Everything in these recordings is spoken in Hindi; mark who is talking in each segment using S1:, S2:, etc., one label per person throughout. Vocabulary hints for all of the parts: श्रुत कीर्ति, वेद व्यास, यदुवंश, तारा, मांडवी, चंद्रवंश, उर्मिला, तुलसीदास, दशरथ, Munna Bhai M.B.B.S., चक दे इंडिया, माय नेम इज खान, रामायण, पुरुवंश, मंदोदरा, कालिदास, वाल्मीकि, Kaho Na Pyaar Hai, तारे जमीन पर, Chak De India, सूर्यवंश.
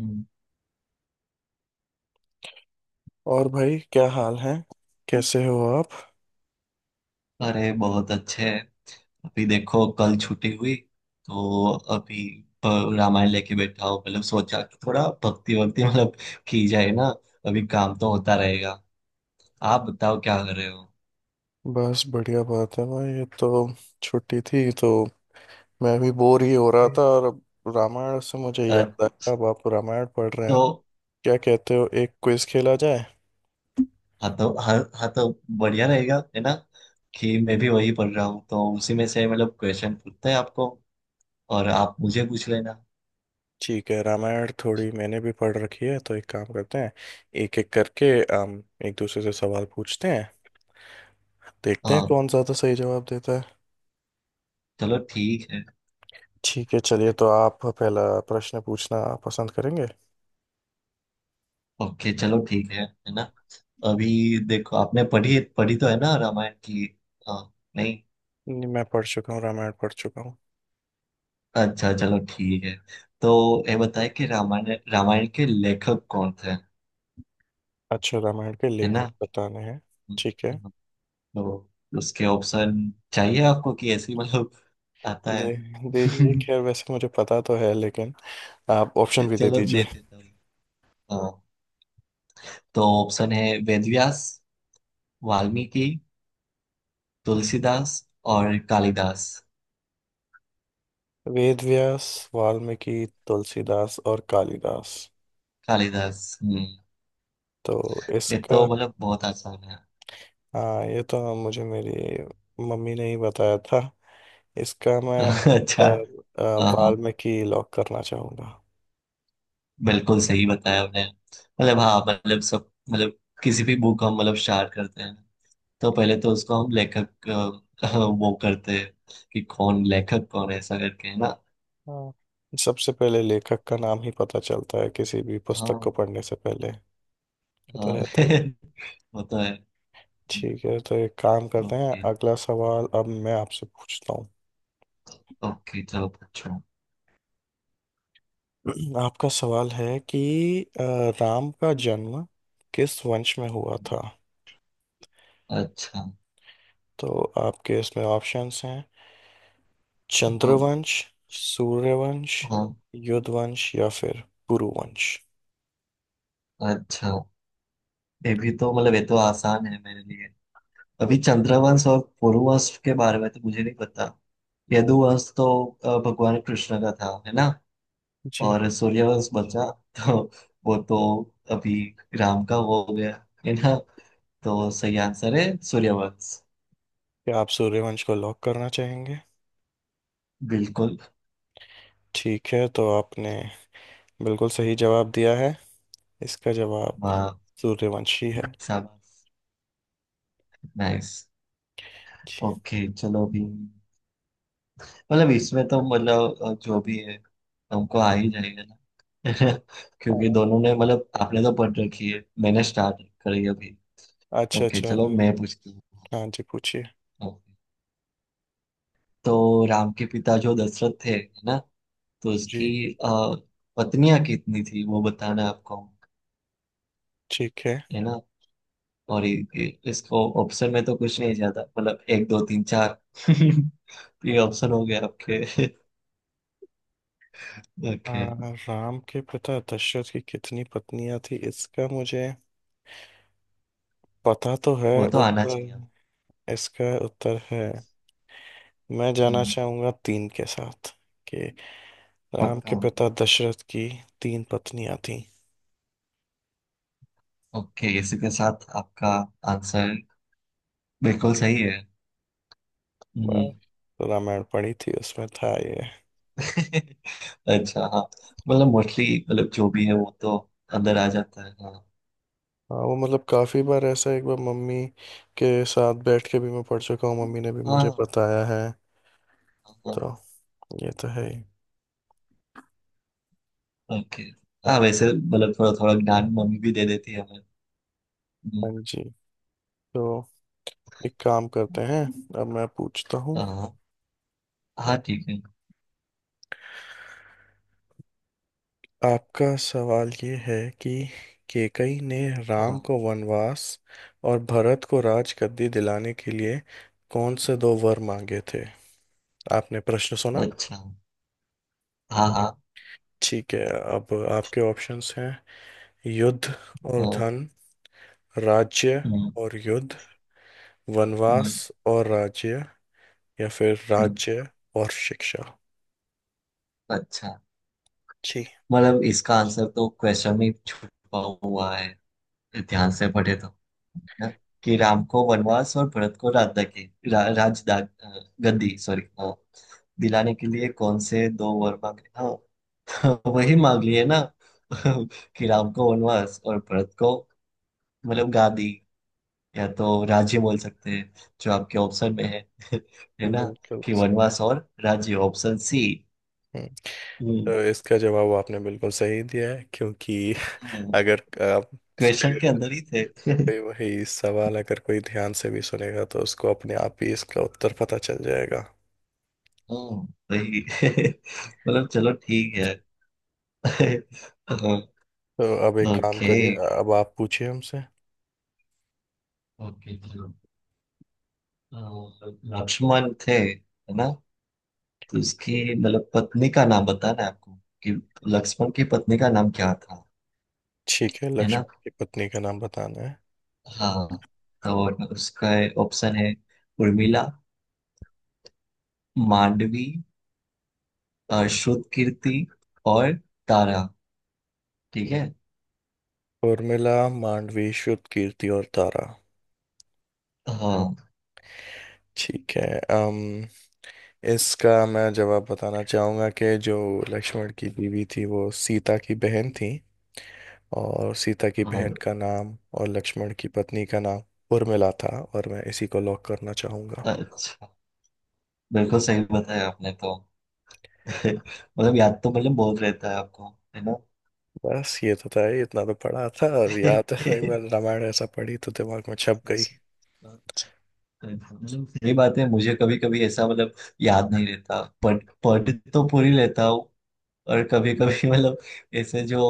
S1: हम्म।
S2: और भाई क्या हाल है। कैसे हो आप।
S1: अरे बहुत अच्छे हैं। अभी देखो, कल छुट्टी हुई तो अभी अ, रामायण लेके बैठा हूँ। मतलब सोचा कि थोड़ा भक्ति वक्ति मतलब की जाए ना। अभी काम तो होता रहेगा। आप बताओ क्या कर रहे हो।
S2: बस बढ़िया बात है भाई, ये तो छुट्टी थी तो मैं भी बोर ही हो रहा था, और अब रामायण से मुझे
S1: अ,
S2: याद आया, अब आप रामायण पढ़ रहे हैं।
S1: तो
S2: क्या कहते हो, एक क्विज खेला जाए।
S1: हाँ, तो हाँ हाँ, तो बढ़िया रहेगा, है ना। कि मैं भी वही पढ़ रहा हूँ, तो उसी में से मतलब क्वेश्चन पूछते हैं आपको, और आप मुझे पूछ लेना।
S2: ठीक है, रामायण थोड़ी मैंने भी पढ़ रखी है तो एक काम करते हैं, एक एक करके हम एक दूसरे से सवाल पूछते हैं, देखते हैं
S1: हाँ,
S2: कौन ज़्यादा सही जवाब देता है।
S1: चलो ठीक है।
S2: ठीक है, चलिए तो आप पहला प्रश्न पूछना पसंद करेंगे।
S1: ओके, चलो ठीक है ना। अभी देखो, आपने पढ़ी पढ़ी तो है ना रामायण की। हाँ। नहीं।
S2: नहीं, मैं पढ़ चुका हूँ, रामायण पढ़ चुका हूँ।
S1: अच्छा, चलो ठीक है। तो ये बताए कि रामायण रामायण के लेखक कौन थे?
S2: अच्छा, रामायण के
S1: है
S2: लेखक
S1: ना।
S2: बताने हैं। ठीक है,
S1: हाँ, तो उसके ऑप्शन चाहिए आपको, कि ऐसे ही, मतलब आता
S2: दे
S1: है?
S2: दीजिए, खैर वैसे मुझे पता तो है, लेकिन आप
S1: अच्छा,
S2: ऑप्शन भी दे
S1: चलो
S2: दीजिए।
S1: देते तो। हाँ। तो ऑप्शन है, वेद व्यास, वाल्मीकि, तुलसीदास और कालिदास।
S2: वेद व्यास, वाल्मीकि, तुलसीदास और कालिदास।
S1: कालिदास, हम्म।
S2: तो
S1: ये तो
S2: इसका,
S1: मतलब बहुत आसान है।
S2: हाँ ये तो मुझे मेरी मम्मी ने ही बताया था। इसका मैं
S1: अच्छा। हाँ हाँ।
S2: वाल्मीकि लॉक करना चाहूँगा।
S1: बिल्कुल सही बताया आपने, मतलब हाँ, मतलब सब, मतलब किसी भी बुक हम मतलब स्टार्ट करते हैं। तो पहले तो उसको हम लेखक वो करते हैं कि कौन लेखक, कौन है, ऐसा करके, है ना।
S2: हाँ, सबसे पहले लेखक का नाम ही पता चलता है किसी भी पुस्तक को
S1: हाँ
S2: पढ़ने से पहले, ये तो
S1: हाँ।
S2: रहता ही है।
S1: वो तो है।
S2: ठीक है, तो एक काम करते हैं,
S1: ओके।
S2: अगला सवाल अब मैं आपसे पूछता हूँ।
S1: ओके चलो पूछो।
S2: आपका सवाल है कि अ, राम का जन्म किस वंश में हुआ था।
S1: अच्छा
S2: तो आपके इसमें ऑप्शंस हैं,
S1: हाँ
S2: चंद्रवंश, सूर्यवंश,
S1: हाँ।
S2: युद्धवंश या फिर पुरुवंश।
S1: अच्छा, ये भी तो मतलब, ये तो आसान है मेरे लिए। अभी चंद्रवंश और पुरुवंश के बारे में तो मुझे नहीं पता। यदुवंश तो भगवान कृष्ण का था, है ना।
S2: जी,
S1: और सूर्यवंश बचा, तो वो तो अभी राम का वो हो गया, है ना। तो सही आंसर है सूर्यवंश।
S2: क्या आप सूर्यवंश को लॉक करना चाहेंगे।
S1: बिल्कुल।
S2: ठीक है, तो आपने बिल्कुल सही जवाब दिया है, इसका जवाब
S1: वाह,
S2: सूर्यवंशी है।
S1: शाबाश, नाइस। ओके, चलो अभी मतलब इसमें तो मतलब जो भी है हमको आ ही जाएगा ना। क्योंकि
S2: हाँ,
S1: दोनों ने मतलब आपने तो पढ़ रखी है, मैंने स्टार्ट करी अभी।
S2: अच्छा
S1: ओके,
S2: अच्छा
S1: चलो
S2: आपने।
S1: मैं पूछती
S2: हाँ जी पूछिए।
S1: हूँ। तो राम के पिता जो दशरथ थे, है ना, तो उसकी
S2: जी
S1: पत्नियां कितनी थी वो बताना है आपको।
S2: ठीक है,
S1: है ना। और इसको ऑप्शन में तो कुछ नहीं ज्यादा, मतलब एक दो तीन चार तो ये ऑप्शन हो गया आपके।
S2: आ,
S1: ओके।
S2: राम के पिता दशरथ की कितनी पत्नियां थी, इसका मुझे पता तो है।
S1: वो तो आना चाहिए।
S2: उत्तर, इसका उत्तर है, मैं जाना
S1: हम्म,
S2: चाहूंगा 3 के साथ, कि राम के
S1: पक्का।
S2: पिता दशरथ की 3 पत्नियां थीं।
S1: ओके, इसी के साथ आपका आंसर बिल्कुल सही है। हम्म।
S2: बस, तो रामायण पढ़ी थी, उसमें था ये।
S1: अच्छा हाँ, मतलब मोस्टली, मतलब जो भी है वो तो अंदर आ जाता है, हाँ।
S2: हाँ, वो मतलब काफी बार ऐसा, एक बार मम्मी के साथ बैठ के भी मैं पढ़ चुका हूँ, मम्मी ने भी मुझे
S1: हाँ
S2: बताया है, तो
S1: हाँ।
S2: ये तो है ही।
S1: ओके। हाँ, वैसे मतलब थोड़ा थोड़ा ज्ञान मम्मी भी दे देती है हमें।
S2: हाँ
S1: हम्म,
S2: जी, तो एक काम करते हैं, अब मैं पूछता हूँ।
S1: हाँ हाँ ठीक है।
S2: आपका सवाल ये है कि केकई ने राम
S1: हाँ।
S2: को वनवास और भरत को राजगद्दी दिलाने के लिए कौन से दो वर मांगे थे। आपने प्रश्न सुना।
S1: अच्छा। हाँ हाँ।
S2: ठीक है, अब आपके ऑप्शंस हैं, युद्ध और
S1: हाँ,
S2: धन, राज्य
S1: हम्म।
S2: और युद्ध, वनवास
S1: हम्म,
S2: और राज्य, या फिर
S1: हम्म,
S2: राज्य और शिक्षा।
S1: अच्छा।
S2: जी,
S1: मतलब इसका आंसर तो क्वेश्चन में छुपा हुआ है। ध्यान से पढ़े तो ना? कि राम को वनवास और भरत को राज की, राज गद्दी, सॉरी, हाँ, दिलाने के लिए कौन से दो वर मांगे, हाँ। वही मांग लिए ना। कि राम को वनवास और भरत को मतलब गांधी, या तो राज्य बोल सकते हैं, जो आपके ऑप्शन में है। है ना।
S2: बिल्कुल
S1: कि
S2: सही है।
S1: वनवास और राज्य, ऑप्शन सी।
S2: हम्म,
S1: हम्म।
S2: तो इसका जवाब आपने बिल्कुल सही दिया है, क्योंकि अगर आप,
S1: क्वेश्चन के अंदर ही थे।
S2: वही वही सवाल अगर कोई ध्यान से भी सुनेगा तो उसको अपने आप ही इसका उत्तर पता चल जाएगा।
S1: हम्म, सही। मतलब चलो ठीक है।
S2: तो अब एक काम
S1: ओके।
S2: करिए, अब आप पूछिए हमसे।
S1: ओके, चलो अ, लक्ष्मण थे, है ना, तो उसकी मतलब पत्नी का नाम बताना है आपको, कि लक्ष्मण की पत्नी का नाम क्या था।
S2: ठीक है,
S1: है ना।
S2: लक्ष्मण की पत्नी का नाम बताना है।
S1: हाँ, तो उसका ऑप्शन है, उर्मिला, मांडवी, श्रुत कीर्ति और तारा। ठीक है।
S2: उर्मिला, मांडवी, शुद्ध कीर्ति और तारा।
S1: हाँ
S2: ठीक है, अम इसका मैं जवाब बताना चाहूँगा कि जो लक्ष्मण की बीवी थी वो सीता की बहन थी, और सीता की बहन
S1: हाँ।
S2: का नाम और लक्ष्मण की पत्नी का नाम उर्मिला था, और मैं इसी को लॉक करना चाहूँगा।
S1: अच्छा, बिल्कुल सही बताया आपने तो। मतलब याद तो मतलब बहुत रहता है आपको, है ना।
S2: बस ये तो था ही, इतना तो पढ़ा था और याद है, एक बार रामायण ऐसा पढ़ी तो दिमाग में छप गई।
S1: अच्छा, मतलब सही बात है, मुझे कभी कभी ऐसा मतलब याद नहीं रहता, पढ़ पढ़ तो पूरी लेता हूँ, और कभी कभी मतलब ऐसे, जो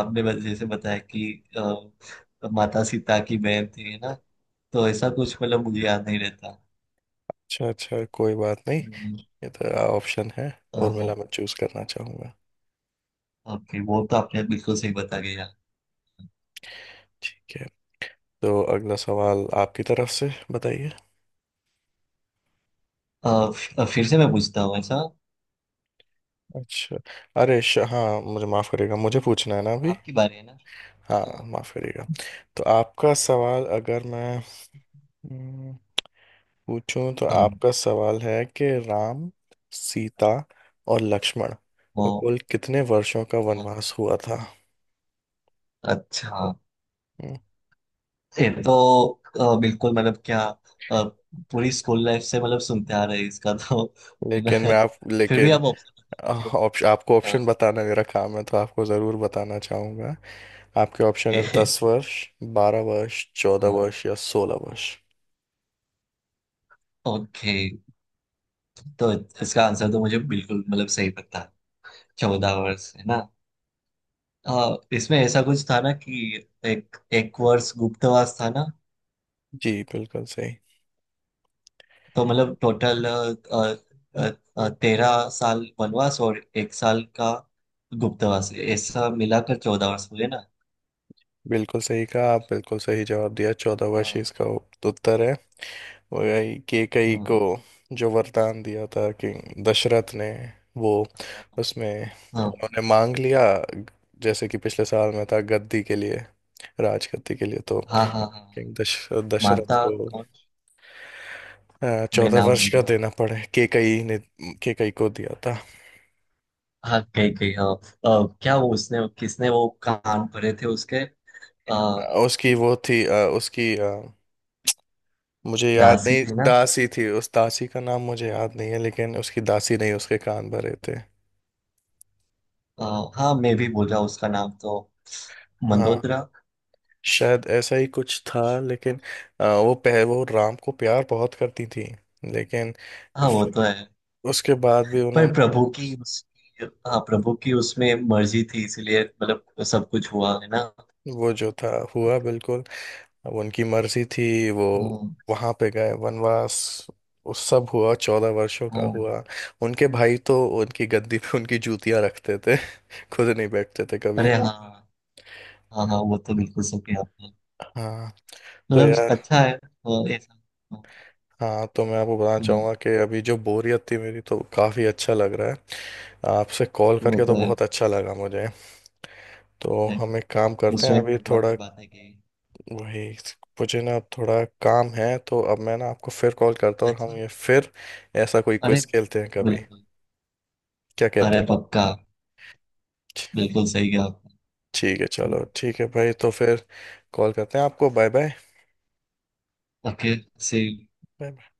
S1: आपने जैसे बताया कि माता सीता की बहन थी, है ना, तो ऐसा कुछ मतलब मुझे याद नहीं रहता।
S2: अच्छा अच्छा, कोई बात नहीं,
S1: हम्म,
S2: ये तो ऑप्शन है
S1: अ,
S2: उर्मिला, मैं चूज करना चाहूंगा।
S1: ओके, वो तो आपने बिल्कुल सही बता दिया।
S2: ठीक है, तो अगला सवाल आपकी तरफ से बताइए।
S1: फिर से मैं पूछता हूँ ऐसा।
S2: अच्छा, अरे श, हाँ मुझे माफ करिएगा, मुझे पूछना है ना अभी।
S1: आपकी बारी है ना।
S2: हाँ,
S1: हाँ।
S2: माफ करिएगा। तो आपका सवाल अगर मैं, हम्म, पूछूं तो
S1: हाँ,
S2: आपका सवाल है कि राम, सीता और लक्ष्मण
S1: वो।
S2: को कुल कितने वर्षों का
S1: हाँ,
S2: वनवास हुआ था।
S1: अच्छा।
S2: हम्म,
S1: ये तो बिल्कुल मतलब क्या, अ, पूरी स्कूल लाइफ से मतलब सुनते आ रहे हैं इसका तो। है ना।
S2: लेकिन मैं आप
S1: फिर भी
S2: लेकिन
S1: आप ऑप्शन दीजिए।
S2: ऑप्शन, आपको ऑप्शन बताना मेरा काम है तो आपको ज़रूर बताना चाहूँगा। आपके ऑप्शन है,
S1: ओके।
S2: 10 वर्ष, 12 वर्ष, चौदह
S1: हाँ,
S2: वर्ष या 16 वर्ष।
S1: ओके। तो इसका आंसर तो मुझे बिल्कुल मतलब सही पता, चौदह वर्ष, है ना। हाँ इसमें ऐसा कुछ था ना कि एक एक वर्ष गुप्तवास था ना।
S2: जी, बिल्कुल सही,
S1: तो मतलब टोटल तेरह साल वनवास और एक साल का गुप्तवास, ऐसा मिलाकर चौदह वर्ष हुए ना।
S2: बिल्कुल सही कहा आप, बिल्कुल सही जवाब दिया, 14 वर्ष ही
S1: हाँ
S2: इसका उत्तर है। और यही केकई को
S1: हाँ
S2: जो वरदान दिया था कि दशरथ ने, वो उसमें
S1: हाँ
S2: उन्होंने मांग लिया, जैसे कि पिछले साल में था गद्दी के लिए, राजगद्दी के लिए, तो
S1: हाँ हाँ हाँ।
S2: किंग दशरथ
S1: माता
S2: को
S1: कौन, मैं
S2: चौदह
S1: नाम
S2: वर्ष
S1: भूल
S2: का
S1: रहा हूँ।
S2: देना पड़े, केकई ने, केकई को दिया था।
S1: हाँ, कही कही, हाँ। क्या वो, उसने किसने, वो कान भरे थे उसके। अ,
S2: उसकी वो थी, उसकी मुझे याद
S1: दासी
S2: नहीं,
S1: थे ना।
S2: दासी थी, उस दासी का नाम मुझे याद नहीं है, लेकिन उसकी दासी नहीं उसके कान भरे थे।
S1: अ, हाँ, मैं भी बोल रहा हूँ, उसका नाम तो
S2: हाँ,
S1: मंदोदरा।
S2: शायद ऐसा ही कुछ था, लेकिन वो राम को प्यार बहुत करती थी, लेकिन
S1: हाँ, वो तो
S2: फ-
S1: है।
S2: उसके बाद भी
S1: पर
S2: उन्होंने,
S1: प्रभु की, उसकी, हाँ, प्रभु की उसमें मर्जी थी, इसीलिए मतलब सब कुछ हुआ है ना।
S2: वो जो था, हुआ, बिल्कुल। अब उनकी मर्जी थी, वो
S1: हम्म,
S2: वहां पे गए वनवास, उस सब हुआ, 14 वर्षों का
S1: हाँ।
S2: हुआ। उनके भाई तो उनकी गद्दी पे उनकी जूतियां रखते थे, खुद नहीं बैठते थे कभी।
S1: अरे हाँ हाँ हाँ, वो तो बिल्कुल सही कहा आपने।
S2: हाँ, तो
S1: मतलब
S2: यार,
S1: अच्छा है, हाँ, ऐसा। हाँ,
S2: हाँ तो मैं आपको बताना
S1: हाँ,
S2: चाहूंगा कि अभी जो बोरियत थी मेरी, तो काफी अच्छा लग रहा है आपसे, कॉल
S1: वो
S2: करके तो
S1: तो है।
S2: बहुत अच्छा लगा मुझे। तो
S1: अरे,
S2: हम एक काम करते हैं,
S1: उसमें
S2: अभी
S1: भगवान
S2: थोड़ा,
S1: की बातें की।
S2: वही, मुझे ना अब थोड़ा काम है, तो अब मैं ना आपको फिर कॉल करता हूँ, और
S1: अच्छा।
S2: हम ये फिर ऐसा कोई
S1: अरे
S2: क्विज खेलते हैं कभी।
S1: बिल्कुल।
S2: क्या कहते
S1: अरे
S2: हैं।
S1: पक्का, बिल्कुल सही कहा आपने।
S2: ठीक है, चलो ठीक है भाई, तो फिर कॉल करते हैं आपको, बाय।
S1: Okay, see.
S2: बाय।